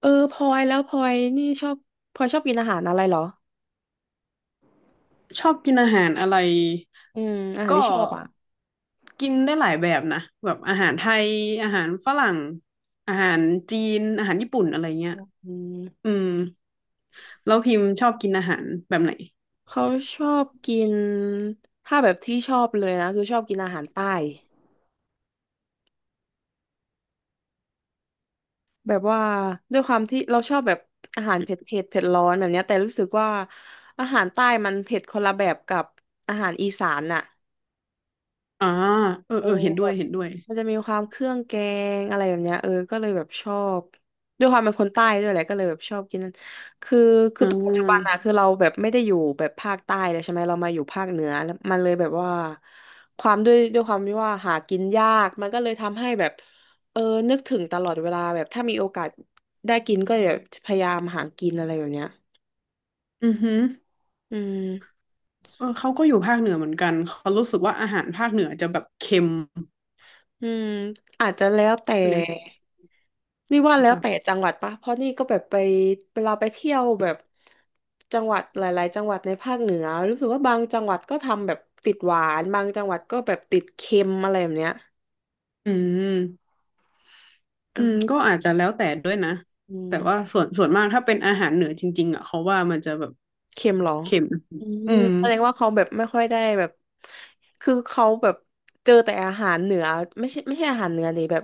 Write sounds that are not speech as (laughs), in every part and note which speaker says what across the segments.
Speaker 1: เออพลอยแล้วพลอยนี่ชอบพลอยชอบกินอาหารอะไรเหรอ
Speaker 2: ชอบกินอาหารอะไร
Speaker 1: อาหารที่
Speaker 2: ก็
Speaker 1: ชอบอ่ะ
Speaker 2: กินได้หลายแบบนะแบบอาหารไทยอาหารฝรั่งอาหารจีนอาหารญี่ปุ่นอะไรเงี้ย
Speaker 1: อืม
Speaker 2: อืมแล้วพิมพ์ชอบกินอาหารแบบไหน
Speaker 1: เขาชอบกินถ้าแบบที่ชอบเลยนะคือชอบกินอาหารใต้แบบว่าด้วยความที่เราชอบแบบอาหารเผ็ดร้อนแบบเนี้ยแต่รู้สึกว่าอาหารใต้มันเผ็ดคนละแบบกับอาหารอีสานน่ะ
Speaker 2: อ่าเออ
Speaker 1: เออ
Speaker 2: เออเห็นด้วยเห็นด้วย
Speaker 1: มันจะมีความเครื่องแกงอะไรแบบเนี้ยเออก็เลยแบบชอบด้วยความเป็นคนใต้ด้วยแหละก็เลยแบบชอบกินนั่นคือคื
Speaker 2: อ่
Speaker 1: อปัจจุบันอะ
Speaker 2: า
Speaker 1: คือเราแบบไม่ได้อยู่แบบภาคใต้เลยใช่ไหมเรามาอยู่ภาคเหนือแล้วมันเลยแบบว่าความด้วยความที่ว่าหากินยากมันก็เลยทำให้แบบเออนึกถึงตลอดเวลาแบบถ้ามีโอกาสได้กินก็จะพยายามหากินอะไรแบบเนี้ย
Speaker 2: อือหือ
Speaker 1: อืม
Speaker 2: เออเขาก็อยู่ภาคเหนือเหมือนกันเขารู้สึกว่าอาหารภาคเหนือจะแบบเค็ม
Speaker 1: อืมอาจจะแล้วแต่
Speaker 2: เนี่ย
Speaker 1: นี่ว่า
Speaker 2: หรือ
Speaker 1: แล้
Speaker 2: เป
Speaker 1: ว
Speaker 2: ล่า
Speaker 1: แต่จังหวัดปะเพราะนี่ก็แบบไปเวลาไปเที่ยวแบบจังหวัดหลายๆ จังหวัดในภาคเหนือรู้สึกว่าบางจังหวัดก็ทำแบบติดหวานบางจังหวัดก็แบบติดเค็มอะไรแบบเนี้ย
Speaker 2: อืม
Speaker 1: เออ
Speaker 2: อืมก็อาจจะแล้วแต่ด้วยนะ
Speaker 1: อื
Speaker 2: แต่ว่า
Speaker 1: ม
Speaker 2: ส่วนมากถ้าเป็นอาหารเหนือจริงๆอ่ะเขาว่ามันจะแบบ
Speaker 1: เค็มเหรอ
Speaker 2: เค็ม
Speaker 1: อืม
Speaker 2: อืม
Speaker 1: แสดงว่าเขาแบบไม่ค่อยได้แบบคือเขาแบบเจอแต่อาหารเหนือไม่ใช่อาหารเหนือดิแบบ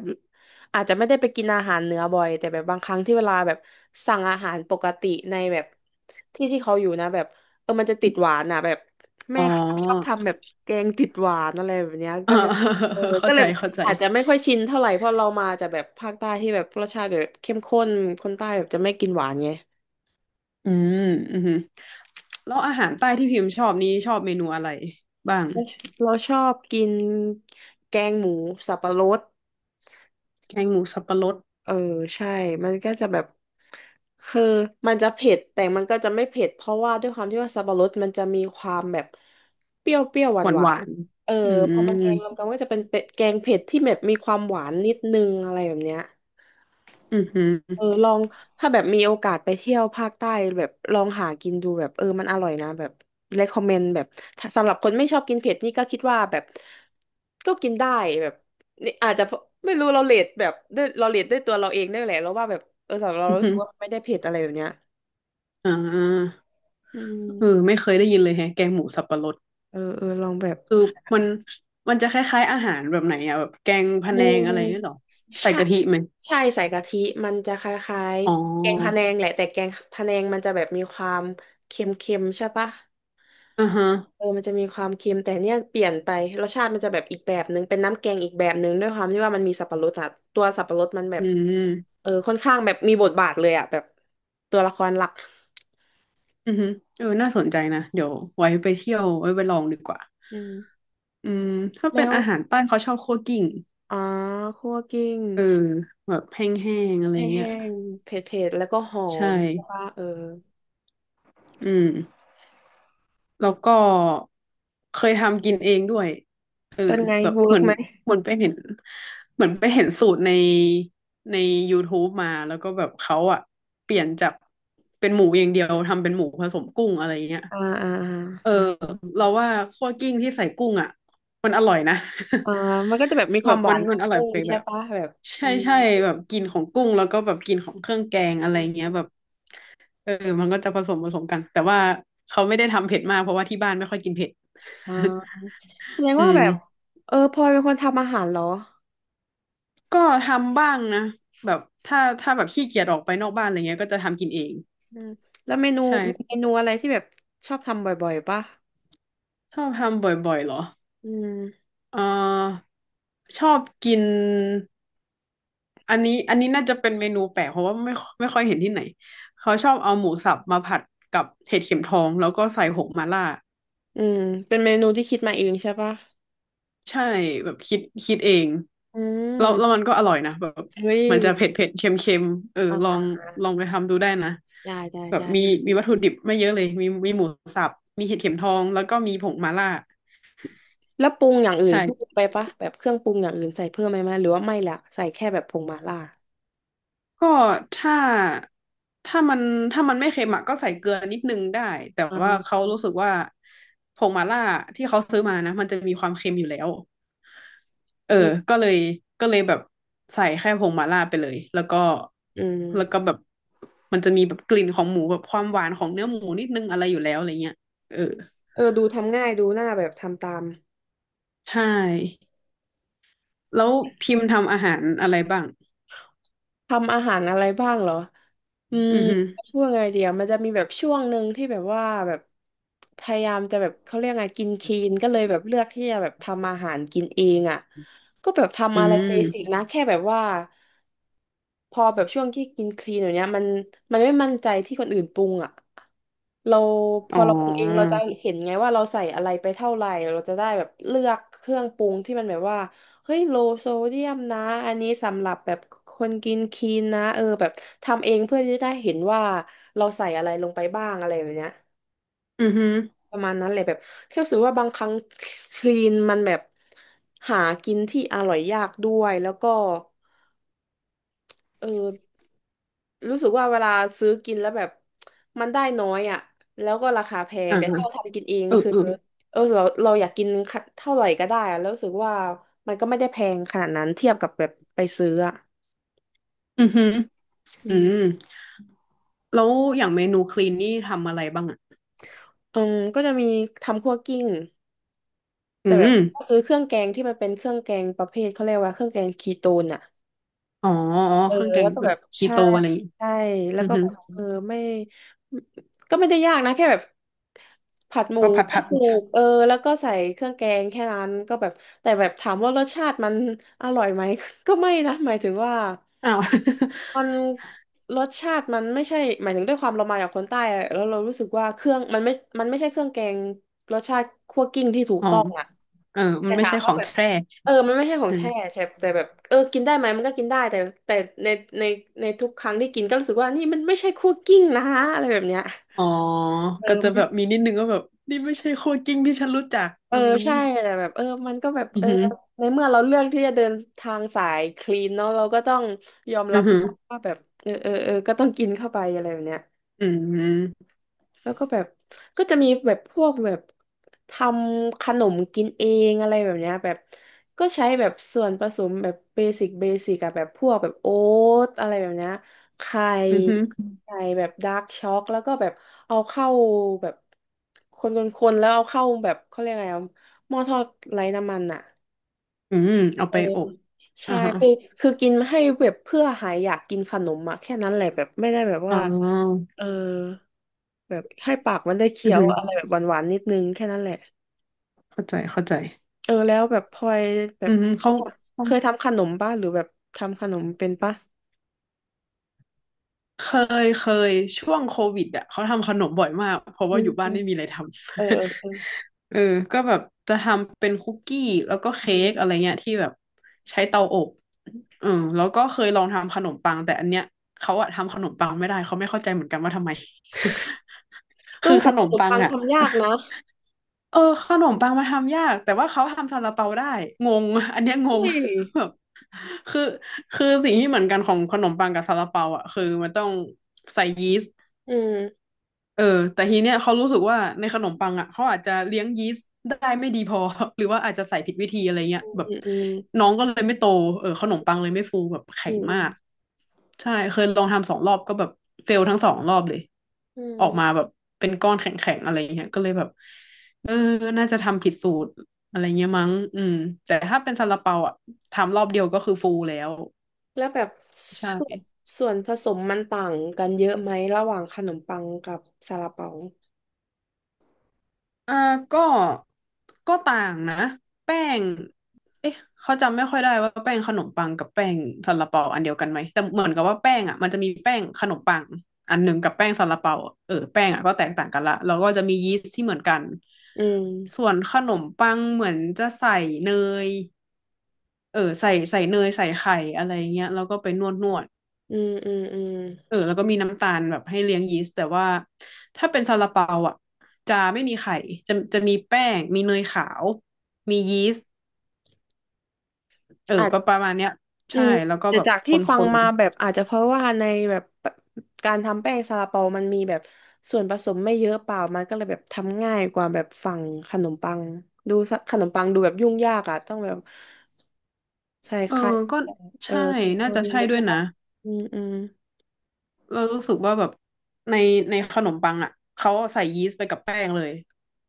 Speaker 1: อาจจะไม่ได้ไปกินอาหารเหนือบ่อยแต่แบบบางครั้งที่เวลาแบบสั่งอาหารปกติในแบบที่เขาอยู่นะแบบเออมันจะติดหวานอ่ะแบบ
Speaker 2: อ๋
Speaker 1: แม่
Speaker 2: อ
Speaker 1: ค้าชอบทำแบบแกงติดหวานอะไรแบบเนี้ย
Speaker 2: เออ
Speaker 1: ก็เลยเออ
Speaker 2: (laughs)
Speaker 1: ก็
Speaker 2: เข้า
Speaker 1: เล
Speaker 2: ใจ
Speaker 1: ย
Speaker 2: เข้าใจ
Speaker 1: อาจจะไม่ค่อยชินเท่าไหร่เพราะเรามาจากแบบภาคใต้ที่แบบรสชาติแบบเข้มข้นคนใต้แบบจะไม่กินหวานไง
Speaker 2: อืมอืมแล้วอาหารใต้ที่พิมพ์ชอบนี้ชอบเมนูอะไรบ้าง
Speaker 1: เราเราชอบกินแกงหมูสับปะรด
Speaker 2: แกงหมูสับปะรด
Speaker 1: เออใช่ มันก็จะแบบคือมันจะเผ็ดแต่มันก็จะไม่เผ็ดเพราะว่าด้วยความที่ว่าสับปะรดมันจะมีความแบบเปรี้ยวเปรี้ยวหวา
Speaker 2: ห
Speaker 1: น
Speaker 2: วาน
Speaker 1: ห
Speaker 2: ห
Speaker 1: วาน
Speaker 2: วาน
Speaker 1: เออ
Speaker 2: อืม
Speaker 1: พอ
Speaker 2: อื
Speaker 1: มันแกงรวมกันก็จะเป็นเป็ดแกงเผ็ดที่แบบมีความหวานนิดนึงอะไรแบบเนี้ย
Speaker 2: มอื
Speaker 1: เอ
Speaker 2: ม
Speaker 1: อลองถ้าแบบมีโอกาสไปเที่ยวภาคใต้แบบลองหากินดูแบบเออมันอร่อยนะแบบ recommend แบบถ้าสำหรับคนไม่ชอบกินเผ็ดนี่ก็คิดว่าแบบก็กินได้แบบนี่อาจจะไม่รู้เราเรทแบบด้วยเราเรทด้วยตัวเราเองได้แหละเราว่าแบบเออสำหรับเรา
Speaker 2: อื
Speaker 1: รู้สึกว่า
Speaker 2: ม
Speaker 1: ไม่ได้เผ็ดอะไรแบบเนี้ย
Speaker 2: อ่า
Speaker 1: อื
Speaker 2: เออ
Speaker 1: ม
Speaker 2: ไม่เคยได้ยินเลยแฮะแกงหมูสับปะรด
Speaker 1: เอออลองแบบ
Speaker 2: คือมันมันจะคล้ายๆอาหารแบบไหนอะแบบแกงพะ
Speaker 1: อื
Speaker 2: แนงอะไรหรีอหรอ
Speaker 1: ม
Speaker 2: ใส่
Speaker 1: ใช่
Speaker 2: กะทิไหม
Speaker 1: ใช่ใส่กะทิมันจะคล้าย
Speaker 2: อ๋อ
Speaker 1: ๆแกงพะแนงแหละแต่แกงพะแนงมันจะแบบมีความเค็มๆใช่ปะ
Speaker 2: อ่าฮะ
Speaker 1: เออมันจะมีความเค็มแต่เนี่ยเปลี่ยนไปรสชาติมันจะแบบอีกแบบนึงเป็นน้ำแกงอีกแบบนึงด้วยความที่ว่ามันมีสับปะรดอะตัวสับปะรดมันแบ
Speaker 2: อื
Speaker 1: บ
Speaker 2: ม
Speaker 1: เออค่อนข้างแบบมีบทบาทเลยอะแบบตัวละครหลัก
Speaker 2: อืมเออน่าสนใจนะเดี๋ยวไว้ไปเที่ยวไว้ไปลองดีกว่า
Speaker 1: อืม
Speaker 2: อืมถ้าเป็
Speaker 1: แล้
Speaker 2: น
Speaker 1: ว
Speaker 2: อาหารใต้เขาชอบคั่วกลิ้ง
Speaker 1: อ๋อคั่วกิ้ง
Speaker 2: เออแบบแห้งๆอะไร
Speaker 1: แห
Speaker 2: เงี้
Speaker 1: ้
Speaker 2: ย
Speaker 1: งๆเผ็ดๆแล้วก็หอ
Speaker 2: ใช่
Speaker 1: มว่าเออ
Speaker 2: อืมแล้วก็เคยทำกินเองด้วยเออ
Speaker 1: เป็นไง
Speaker 2: แบบ
Speaker 1: เวิ
Speaker 2: เห
Speaker 1: ร์
Speaker 2: มื
Speaker 1: ก
Speaker 2: อน
Speaker 1: ไหม
Speaker 2: เหมือนไปเห็นเหมือนไปเห็นสูตรใน YouTube มาแล้วก็แบบเขาอะเปลี่ยนจากเป็นหมูอย่างเดียวทำเป็นหมูผสมกุ้งอะไรเงี้ย
Speaker 1: อ่า
Speaker 2: เออเราว่าคั่วกลิ้งที่ใส่กุ้งอะมันอร่อยนะ
Speaker 1: อ่ามันก็จะแบบมี
Speaker 2: (laughs)
Speaker 1: ค
Speaker 2: แบ
Speaker 1: วาม
Speaker 2: บ
Speaker 1: ห
Speaker 2: มั
Speaker 1: วา
Speaker 2: น
Speaker 1: นข
Speaker 2: มั
Speaker 1: อ
Speaker 2: น
Speaker 1: ง
Speaker 2: อร่อ
Speaker 1: กุ้
Speaker 2: ย
Speaker 1: ง
Speaker 2: ไป
Speaker 1: ใช่
Speaker 2: แบบ
Speaker 1: ปะแบบอื
Speaker 2: ใช่
Speaker 1: ม
Speaker 2: ใช่แบบกินของกุ้งแล้วก็แบบกินของเครื่องแกงอะไรเงี้ยแบบ เออมันก็จะผสมกัน แต่ว่าเขาไม่ได้ทำเผ็ดมากเพราะว่าที่บ้านไม่ค่อยกินเผ็ด
Speaker 1: อ่าแสดง
Speaker 2: (laughs) อื
Speaker 1: ว่าแบ
Speaker 2: ม
Speaker 1: บเออพลอยเป็นคนทำอาหารเหรอ
Speaker 2: ก็ทำบ้างนะ แบบถ้าแบบขี้เกียจออกไปนอกบ้านอะไรเงี้ยก็จะทำกินเอง
Speaker 1: อืมแล้วเมนูมี
Speaker 2: ใช่
Speaker 1: เมนูอะไรที่แบบชอบทำบ่อยๆป่ะ
Speaker 2: ชอบทำบ่อยๆเหรอ
Speaker 1: อืม
Speaker 2: เออชอบกินอันนี้น่าจะเป็นเมนูแปลกเพราะว่าไม่ค่อยเห็นที่ไหนเขาชอบเอาหมูสับมาผัดกับเห็ดเข็มทองแล้วก็ใส่ผงมาล่า
Speaker 1: อืมเป็นเมนูที่คิดมาเองใช่ป่ะ
Speaker 2: ใช่แบบคิดเอง
Speaker 1: อื
Speaker 2: แล้วมั
Speaker 1: ม
Speaker 2: นก็อร่อยนะแบบ
Speaker 1: เฮ้ย
Speaker 2: มันจะเผ็ดเผ็ดเค็มเค็มเออ
Speaker 1: อ่า
Speaker 2: ลอ
Speaker 1: อ่า
Speaker 2: ง
Speaker 1: อ่า
Speaker 2: ลองไปทำดูได้นะ
Speaker 1: ได้ได้
Speaker 2: แบบมี
Speaker 1: ได้
Speaker 2: มีวัตถุดิบไม่เยอะเลยมีหมูสับมีเห็ดเข็มทองแล้วก็มีผงมาล่า
Speaker 1: แล้วปรุงอย่างอื่น
Speaker 2: ใช่
Speaker 1: เพิ่มไปป่ะแบบเครื่องปรุงอย่างอื่นใส่เพิ่มไหมหรือว่าไม่ละใส่แค่แบบผงมาล่า
Speaker 2: ก็ถ้าถ้ามันถ้ามันไม่เค็มอะก็ใส่เกลือนิดนึงได้แต่
Speaker 1: อ่
Speaker 2: ว่าเขา
Speaker 1: า
Speaker 2: รู้สึกว่าผงมาล่าที่เขาซื้อมานะมันจะมีความเค็มอยู่แล้ว เออ
Speaker 1: อืม
Speaker 2: ก็เลยก็เลยแบบใส่แค่ผงมาล่าไปเลย แล้วก็
Speaker 1: อืม
Speaker 2: แล้วก็แบบมันจะมีแบบกลิ่นของหมูแบบความหวานของเนื้อหมูนิดนึงอะไรอยู่แล้วอะไรเงี้ยเออ
Speaker 1: เออ ดูทำง่ายดูหน้าแบบทำตาม
Speaker 2: ใช่ แล้วพิมพ์ทำอาหารอะไรบ้าง
Speaker 1: ทำอาหารอะไรบ้างเหรอ อืม
Speaker 2: อือฮึ
Speaker 1: พูดไงเดียวมันจะมีแบบช่วงหนึ่งที่แบบว่าแบบพยายามจะแบบเขาเรียกไงกินคลีนก็เลยแบบเลือกที่จะแบบทำอาหารกินเองอ่ะก็แบบ
Speaker 2: อื
Speaker 1: ทำอะไรเบสิก
Speaker 2: ม
Speaker 1: นะแค่แบบว่า พอแบบช่วงที่กินคลีนอย่างเนี้ยมันไม่มั่นใจที่คนอื่นปรุงอ่ะเราพ
Speaker 2: อ๋
Speaker 1: อเราปรุงเองเรา
Speaker 2: อ
Speaker 1: จะเห็นไงว่าเราใส่อะไรไปเท่าไหร่เราจะได้แบบเลือกเครื่องปรุงที่มันแบบว่าเฮ้ยโลโซเดียมนะอันนี้สำหรับแบบคนกินคลีนนะเออแบบทำเองเพื่อที่จะได้เห็นว่าเราใส่อะไรลงไปบ้างอะไรแบบเนี้ย
Speaker 2: อือฮึ
Speaker 1: ประมาณนั้นเลยแบบแค่รู้สึกว่าบางครั้งคลีนมันแบบหากินที่อร่อยยากด้วยแล้วก็เออ รู้สึกว่าเวลาซื้อกินแล้วแบบมันได้น้อยอ่ะแล้วก็ราคาแพง
Speaker 2: อ่า
Speaker 1: แต่ถ้าเราทำกินเอง
Speaker 2: เออ
Speaker 1: คือ
Speaker 2: เออ
Speaker 1: เราอยากกินเท่าไหร่ก็ได้อะแล้วรู้สึกว่ามันก็ไม่ได้แพงขนาดนั้นเทียบกับแบบไปซื้ออ่ะ
Speaker 2: อือฮึ
Speaker 1: อื
Speaker 2: อื
Speaker 1: ม
Speaker 2: มแล้วอย่างเมนูคลีนนี่ทำอะไรบ้างอ่ะ
Speaker 1: ก็จะมีทำคั่วกลิ้ง
Speaker 2: อื
Speaker 1: แต่แบบ
Speaker 2: ม
Speaker 1: ก็ซื้อเครื่องแกงที่มันเป็นเครื่องแกงประเภทเขาเรียกว่าเครื่องแกงคีโตนอ่ะ
Speaker 2: อ๋ออ๋อ
Speaker 1: เออ
Speaker 2: เครื่องแก
Speaker 1: แล้
Speaker 2: ง
Speaker 1: วก็
Speaker 2: แบ
Speaker 1: แบ
Speaker 2: บ
Speaker 1: บ
Speaker 2: คี
Speaker 1: ใช่
Speaker 2: โตอะไรอย่างงี้
Speaker 1: ใช่แล้
Speaker 2: อื
Speaker 1: ว
Speaker 2: อ
Speaker 1: ก็
Speaker 2: ฮึ
Speaker 1: แบบไม่ก็ไม่ได้ยากนะแค่แบบผัดหมู
Speaker 2: ก็ผัด
Speaker 1: ไม่
Speaker 2: ผัด
Speaker 1: ถูกแล้วก็ใส่เครื่องแกงแค่นั้นก็แบบแต่แบบถามว่ารสชาติมันอร่อยไหม (laughs) ก็ไม่นะหมายถึงว่า
Speaker 2: อ้าว
Speaker 1: มันรสชาติมันไม่ใช่หมายถึงด้วยความเรามาจากคนใต้อะแล้วเรารู้สึกว่าเครื่องมันไม่มันไม่ใช่เครื่องแกงรสชาติคั่วกลิ้งที่ถู
Speaker 2: (laughs)
Speaker 1: ก
Speaker 2: อ๋อ
Speaker 1: ต้องอะ
Speaker 2: เออ มั
Speaker 1: แต่
Speaker 2: นไม่
Speaker 1: ถา
Speaker 2: ใช่
Speaker 1: ม
Speaker 2: ข
Speaker 1: ว่า
Speaker 2: อง
Speaker 1: แบบ
Speaker 2: แท้
Speaker 1: มันไม่ใช่ของ
Speaker 2: เออ
Speaker 1: แท้ใช่แต่แบบกินได้ไหมมันก็กินได้แต่แต่ในในในทุกครั้งที่กินก็รู้สึกว่านี่มันไม่ใช่คั่วกลิ้งนะอะไรแบบเนี้ย
Speaker 2: อ๋อ ก็จะ
Speaker 1: มั
Speaker 2: แบ
Speaker 1: น
Speaker 2: บมีนิดนึงก็แบบนี่ไม่ใช่โคกิ้งที่ฉันรู้จัก
Speaker 1: เอ
Speaker 2: อะ
Speaker 1: อ
Speaker 2: ไรอย่าง
Speaker 1: ใช่
Speaker 2: นี้
Speaker 1: แต่แบบมันก็แบบ
Speaker 2: อือหือ
Speaker 1: ในเมื่อเราเลือกที่จะเดินทางสายคลีนเนาะเราก็ต้องยอมรั
Speaker 2: อื
Speaker 1: บ
Speaker 2: อ
Speaker 1: ให้
Speaker 2: หือ
Speaker 1: ได้ว่าแบบก็ต้องกินเข้าไปอะไรแบบเนี้ย
Speaker 2: อืม
Speaker 1: แล้วก็แบบก็จะมีแบบพวกแบบทำขนมกินเองอะไรแบบเนี้ยแบบก็ใช้แบบส่วนผสมแบบเบสิกอะแบบพวกแบบโอ๊ตอะไรแบบเนี้ยไข่
Speaker 2: อือหือ
Speaker 1: ไข่แบบดาร์กช็อกแล้วก็แบบเอาเข้าแบบคนๆๆแล้วเอาเข้าแบบเขาเรียกอะไรอะหม้อทอดไร้น้ำมันอะ
Speaker 2: อืมเอา
Speaker 1: เอ
Speaker 2: ไป
Speaker 1: อ
Speaker 2: อบ
Speaker 1: ใช่
Speaker 2: อ่าฮะ
Speaker 1: คือคือกินให้แบบเพื่อหายอยากกินขนมอะแค่นั้นแหละแบบไม่ได้แบบ
Speaker 2: อ๋
Speaker 1: ว่า
Speaker 2: อ
Speaker 1: เออ แบบให้ปากมันได้
Speaker 2: อื
Speaker 1: เคี้
Speaker 2: อ
Speaker 1: ยว
Speaker 2: หือ
Speaker 1: อะไรแบบหวานๆนิดนึงแค่นั้นแหละ
Speaker 2: เข้าใจเข้าใจ
Speaker 1: แล้วแบบพลอยแบ
Speaker 2: อื
Speaker 1: บ
Speaker 2: อหือเขา
Speaker 1: เคยทำขนมป่ะหรือแบบทำขนมเป็นป่ะ
Speaker 2: เคเคยช่วงโควิดอ่ะเขาทำขนมบ่อยมากเพราะ
Speaker 1: อื
Speaker 2: ว่าอยู่บ้านไม่มีอะ
Speaker 1: ม
Speaker 2: ไรทำ
Speaker 1: เออเออเออ
Speaker 2: (laughs) เออก็แบบจะทำเป็นคุกกี้แล้วก็เค้กอะไรเงี้ยที่แบบใช้เตาอบเออแล้วก็เคยลองทำขนมปังแต่อันเนี้ยเขาอะทำขนมปังไม่ได้เขาไม่เข้าใจเหมือนกันว่าทำไม (laughs) คือ
Speaker 1: แต่
Speaker 2: ขน
Speaker 1: ข
Speaker 2: ม
Speaker 1: นม
Speaker 2: ปัง
Speaker 1: ปัง
Speaker 2: อะ
Speaker 1: ทำยากนะ
Speaker 2: เออขนมปังมาทำยากแต่ว่าเขาทำซาลาเปาได้งงอันเนี้ยง
Speaker 1: เฮ้
Speaker 2: ง
Speaker 1: ย
Speaker 2: (laughs) แบบคือคือสิ่งที่เหมือนกันของขนมปังกับซาลาเปาอ่ะคือมันต้องใส่ยีสต์
Speaker 1: อืม
Speaker 2: เออแต่ทีเนี้ยเขารู้สึกว่าในขนมปังอ่ะเขาอาจจะเลี้ยงยีสต์ได้ไม่ดีพอ (laughs) หรือว่าอาจจะใส่ผิดวิธีอะไรเงี้ย
Speaker 1: อื
Speaker 2: แบบ
Speaker 1: มอืม
Speaker 2: น้องก็เลยไม่โตเออขนมปังเลยไม่ฟูแบบ
Speaker 1: อื
Speaker 2: แข็ง
Speaker 1: มอื
Speaker 2: มา
Speaker 1: ม
Speaker 2: กใช่เคยลองทำสองรอบก็แบบเฟลทั้งสองรอบเลย
Speaker 1: อื
Speaker 2: ออกมาแบ
Speaker 1: ม
Speaker 2: บเป็นก้อนแข็งๆอะไรเงี้ยก็เลยแบบเออน่าจะทำผิดสูตรอะไรเงี้ยมั้งอืมแต่ถ้าเป็นซาลาเปาอ่ะทำรอบเดียวก็คือฟูแล้ว
Speaker 1: แล้วแบบ
Speaker 2: ใช
Speaker 1: ส่วน
Speaker 2: ่
Speaker 1: ส่วนผสมมันต่างกันเยอะไหมระหว่างขนมปังกับซาลาเปา
Speaker 2: อ่าก็ก็ต่างนะแป้งเอ๊ะเขาจำไม่ค่อยได้ว่าแป้งขนมปังกับแป้งซาลาเปาอันเดียวกันไหมแต่เหมือนกับว่าแป้งอ่ะมันจะมีแป้งขนมปังอันหนึ่งกับแป้งซาลาเปาอะเออแป้งอ่ะก็แตกต่างกันละแล้วก็จะมียีสต์ที่เหมือนกัน
Speaker 1: อื
Speaker 2: ส่
Speaker 1: ม
Speaker 2: วนขนมปังเหมือนจะใส่เนยเออใส่เนยใส่ไข่อะไรเงี้ยแล้วก็ไปนวดนวด
Speaker 1: อืมอืมอืม
Speaker 2: เออแล้วก็มีน้ำตาลแบบให้เลี้ยงยีสต์แต่ว่าถ้าเป็นซาลาเปาอ่ะจะไม่มีไข่จะมีแป้งมีเนยขาวมียีสต์เออประมาณเนี้ย
Speaker 1: อื
Speaker 2: ใช่
Speaker 1: ม
Speaker 2: แล้วก็
Speaker 1: แต่
Speaker 2: แบบ
Speaker 1: จาก
Speaker 2: ค
Speaker 1: ที่
Speaker 2: น
Speaker 1: ฟังมาแบบอาจจะเพราะว่าในแบบการทำแป้งซาลาเปามันมีแบบส่วนผสมไม่เยอะเปล่ามันก็เลยแบบทำง่ายกว่าแบบฝั่งขนมปังดูซะขนมปังดูแบบยุ่งยากอ่ะต้องแบบใส่
Speaker 2: ๆเอ
Speaker 1: ไข่
Speaker 2: อก็ใช่
Speaker 1: เทคโน
Speaker 2: น่า
Speaker 1: โล
Speaker 2: จะ
Speaker 1: ยี
Speaker 2: ใช่ด้ว
Speaker 1: ใช่
Speaker 2: ย
Speaker 1: ปะ
Speaker 2: นะ
Speaker 1: อืมอืม
Speaker 2: เรารู้สึกว่าแบบในในขนมปังอ่ะเขาใส่ยีสต์ไปกับแป้งเลย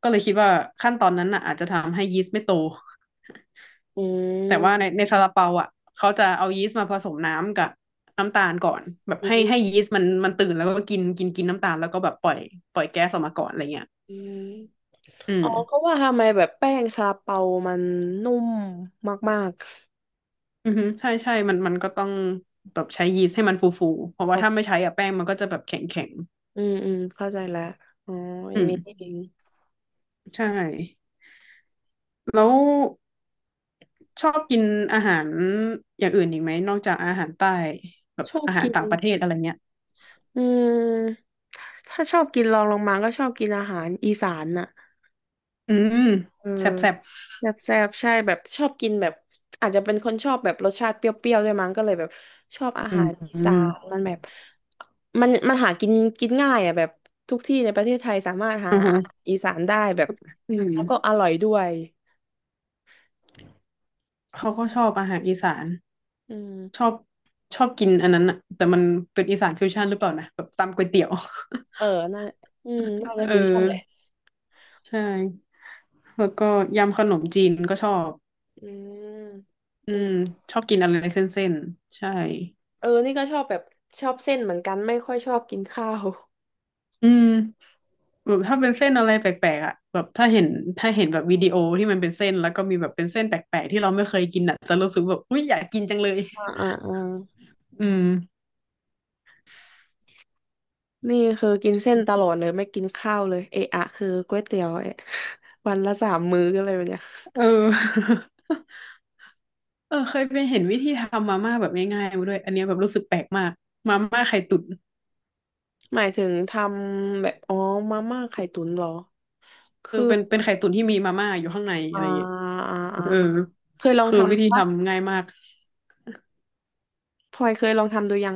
Speaker 2: ก็เลยคิดว่าขั้นตอนนั้นน่ะอาจจะทำให้ยีสต์ไม่โต
Speaker 1: อื
Speaker 2: แต่ว่า
Speaker 1: ม
Speaker 2: ในซาลาเปาอ่ะเขาจะเอายีสต์มาผสมน้ำกับน้ำตาลก่อนแบบ
Speaker 1: อื
Speaker 2: ให้
Speaker 1: ม
Speaker 2: ยีสต์มันตื่นแล้วก็กินกินกินน้ำตาลแล้วก็แบบปล่อยแก๊สออกมาก่อนอะไรเงี้ย
Speaker 1: อืม
Speaker 2: อื
Speaker 1: อ๋
Speaker 2: ม
Speaker 1: อก็ว่าทำไมแบบแป้งซาลาเปามันนุ่มมาก
Speaker 2: อือฮึใช่ใช่มันก็ต้องแบบใช้ยีสต์ให้มันฟูฟูเพ
Speaker 1: ๆอ๋อ
Speaker 2: ราะว่าถ้าไม่ใช้อะแป้งมันก็จะแบบแข็งแข็ง
Speaker 1: เข้าใจแล้วอ๋ออ
Speaker 2: อื
Speaker 1: ย่าง
Speaker 2: ม
Speaker 1: นี้นี่เอง
Speaker 2: ใช่แล้วชอบกินอาหารอย่างอื่นอีกไหมนอกจากอาหารใต้แบบ
Speaker 1: ชอบ
Speaker 2: อาหา
Speaker 1: กิ
Speaker 2: ร
Speaker 1: น
Speaker 2: ต่างประเทศอะไรเงี้ย
Speaker 1: อืมถ้าชอบกินรองลงมาก็ชอบกินอาหารอีสานน่ะ
Speaker 2: อืม
Speaker 1: เออ
Speaker 2: แซ่บแซ่บ
Speaker 1: แซ่บๆใช่แบบชอบกินแบบอาจจะเป็นคนชอบแบบรสชาติเปรี้ยวๆด้วยมั้งก็เลยแบบชอบอา
Speaker 2: อื
Speaker 1: หารอีสา
Speaker 2: ม
Speaker 1: นมันแบบมันหากินกินง่ายอ่ะแบบทุกที่ในประเทศไทยสามารถหา
Speaker 2: อืมอือฮึ
Speaker 1: อาหารอีสานได้แบบ
Speaker 2: อื
Speaker 1: แล้ว
Speaker 2: ม
Speaker 1: ก็อร่อยด้วย
Speaker 2: เขาก็ชอบอาหารอีสาน
Speaker 1: อื
Speaker 2: ชอ
Speaker 1: ม
Speaker 2: บชอบกินอันนั้นอะแต่มันเป็นอีสานฟิวชั่นหรือเปล่านะแบบตำก๋วยเตี๋ยว
Speaker 1: เออน่าน่าจะ
Speaker 2: (laughs) เออ
Speaker 1: ฟิวชั่นแหละ
Speaker 2: ใช่แล้วก็ยำขนมจีนก็ชอบ
Speaker 1: อืม
Speaker 2: อื
Speaker 1: อื
Speaker 2: ม
Speaker 1: ม
Speaker 2: ชอบกินอะไรเส้นๆใช่
Speaker 1: นี่ก็ชอบแบบชอบเส้นเหมือนกัน ไม่ค่อยชอบกินข้าว
Speaker 2: อืมแบบถ้าเป็นเส้นอะไรแปลกๆอ่ะแบบถ้าเห็นถ้าเห็นแบบวิดีโอที่มันเป็นเส้นแล้วก็มีแบบเป็นเส้นแปลกๆที่เราไม่เคยกินอ่ะจะรู้สึกแบบอุ้ยอยากกินจังเลย
Speaker 1: (laughs) อ่าอ่าอ่า
Speaker 2: อืม
Speaker 1: นี่คือกินเส้นตลอดเลยไม่กินข้าวเลยเอะอะคือก๋วยเตี๋ยวเอะ (laughs) วันละ3 มื้ออะไรแบบเนี้ย
Speaker 2: เออ (laughs) เออเคยไปเห็นวิธีทำมาม่าแบบง่ายๆมาด้วยอันเนี้ยแบบรู้สึกแปลกมากมาม่าไข่ตุ๋น
Speaker 1: หมายถึงทำแบบอ๋อมาม่าไข่ตุ๋นเหรอ
Speaker 2: เออ
Speaker 1: คือ
Speaker 2: เป็นไข่ตุ๋นที่มีมาม่าอยู่ข้างในอะ
Speaker 1: อ่า
Speaker 2: ไรอย่างเงี้ย
Speaker 1: อ่าอ่า
Speaker 2: เออ
Speaker 1: อ่าเคยลอง
Speaker 2: คือวิธี
Speaker 1: ทำปะ
Speaker 2: ทำง่ายมาก
Speaker 1: พลอยเคยลองทำดูยัง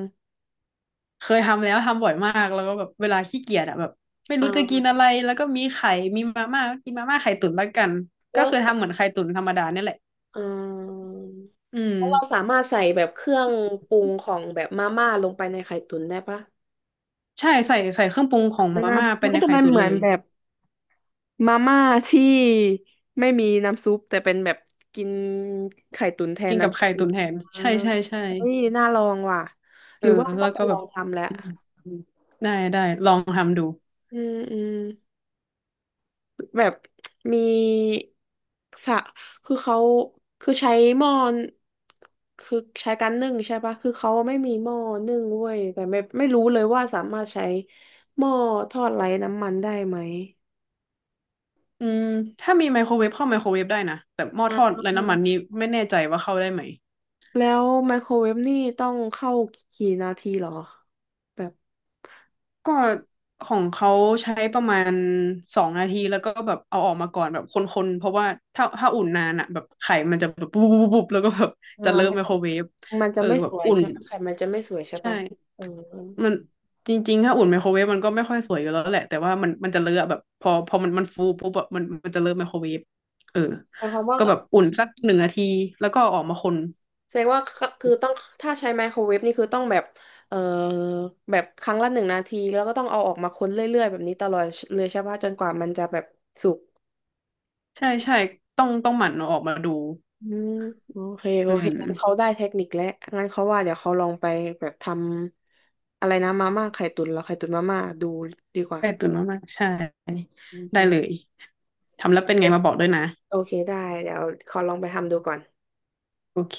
Speaker 2: เคยทำแล้วทำบ่อยมากแล้วก็แบบเวลาขี้เกียจอะแบบไม่รู้
Speaker 1: อ่า
Speaker 2: จะกินอะไรแล้วก็มีไข่มีมาม่าก็กินมาม่าไข่ตุ๋นแล้วกันก็
Speaker 1: แล้ว
Speaker 2: คือทำเหมือนไข่ตุ๋นธรรมดาเนี่ยแหละ
Speaker 1: อ่า
Speaker 2: อืม
Speaker 1: แล้วเราสามารถใส่แบบเครื่องปรุงของแบบมาม่าลงไปในไข่ตุ๋นได้ปะ
Speaker 2: ใช่ใส่เครื่องปรุงของมา
Speaker 1: อ่า
Speaker 2: ม่า
Speaker 1: มั
Speaker 2: เป็น
Speaker 1: นก็
Speaker 2: ใน
Speaker 1: จะ
Speaker 2: ไข่
Speaker 1: ไม่
Speaker 2: ตุ๋น
Speaker 1: เหมื
Speaker 2: เล
Speaker 1: อน
Speaker 2: ย
Speaker 1: แบบ มาม่าที่ไม่มีน้ำซุปแต่เป็นแบบกินไข่ตุ๋นแทน
Speaker 2: กินกับ
Speaker 1: น้ำซุ
Speaker 2: ไข่
Speaker 1: ป
Speaker 2: ตุ๋นแทน
Speaker 1: อ่า
Speaker 2: ใช่ใช่ใช่
Speaker 1: เฮ้ยน่าลองว่ะห
Speaker 2: เออ
Speaker 1: รือว่าต้
Speaker 2: แล้
Speaker 1: อ
Speaker 2: ว
Speaker 1: งไป
Speaker 2: ก็
Speaker 1: ล
Speaker 2: แบ
Speaker 1: อ
Speaker 2: บ
Speaker 1: งทำแหละ
Speaker 2: อืมอืมได้ได้ลองทำดู
Speaker 1: อืมอืมแบบมีสะคือเขาคือใช้หม้อคือใช้การนึ่งใช่ปะคือเขาไม่มีหม้อนึ่งเว้ยแต่ไม่ไม่รู้เลยว่าสามารถใช้หม้อทอดไร้น้ำมันได้ไหม
Speaker 2: อืมถ้ามีไมโครเวฟเข้าไมโครเวฟได้นะแต่หม้อ
Speaker 1: อ่
Speaker 2: ทอด
Speaker 1: า
Speaker 2: ไร้น้ำมันนี้ไม่แน่ใจว่าเข้าได้ไหม
Speaker 1: แล้วไมโครเวฟนี่ต้องเข้ากี่นาทีเหรอแบบ
Speaker 2: ก็ของเขาใช้ประมาณ2 นาทีแล้วก็แบบเอาออกมาก่อนแบบคนๆเพราะว่าถ้าอุ่นนานอ่ะแบบไข่มันจะแบบปุ๊บปุ๊บปุ๊บแล้วก็แบบจะเริ่
Speaker 1: มั
Speaker 2: ม
Speaker 1: น
Speaker 2: ไม
Speaker 1: จะ
Speaker 2: โครเวฟ
Speaker 1: มันจะ
Speaker 2: เออ
Speaker 1: ไม่
Speaker 2: แบ
Speaker 1: ส
Speaker 2: บ
Speaker 1: วย
Speaker 2: อุ่น
Speaker 1: ใช่ไหมไข่มันจะไม่สวยใช่
Speaker 2: ใช่
Speaker 1: ปะเออ
Speaker 2: มันจริงๆถ้าอุ่นไมโครเวฟมันก็ไม่ค่อยสวยอยู่แล้วแหละแต่ว่ามันจะเลอะแบบพอมันฟูปุ๊บแบบมันจะเริ่มไมโครเวฟเออ
Speaker 1: หมายความว่า
Speaker 2: ก็
Speaker 1: ก็
Speaker 2: แบบอุ่นสัก1 นาทีแล้วก็เอาออกมาคน
Speaker 1: แสดงว่าก็คือต้องถ้าใช้ไมโครเวฟนี่คือต้องแบบเอ่อแบบครั้งละ1 นาทีแล้วก็ต้องเอาออกมาคนเรื่อยๆแบบนี้ตลอดเลยใช่ปะจนกว่ามันจะแบบสุก
Speaker 2: ใช่ใช่ต้องหมั่นเอาออกมาดู
Speaker 1: อืมโอเคโอ
Speaker 2: อื
Speaker 1: เคงั้นเขา
Speaker 2: ม
Speaker 1: ได้เทคนิคแล้วงั้นเขาว่าเดี๋ยวเขาลองไปแบบทำอะไรนะมาม่าไข่ตุ๋นเหรอไข่ตุ๋นมาม่าดูดีกว่า
Speaker 2: ใก่ตุนมากๆใช่
Speaker 1: โอ
Speaker 2: ได้เลย
Speaker 1: เค
Speaker 2: ทำแล้วเป็นไงมาบอกด้วยนะ
Speaker 1: โอเคได้เดี๋ยวขอลองไปทำดูก่อน
Speaker 2: โอเค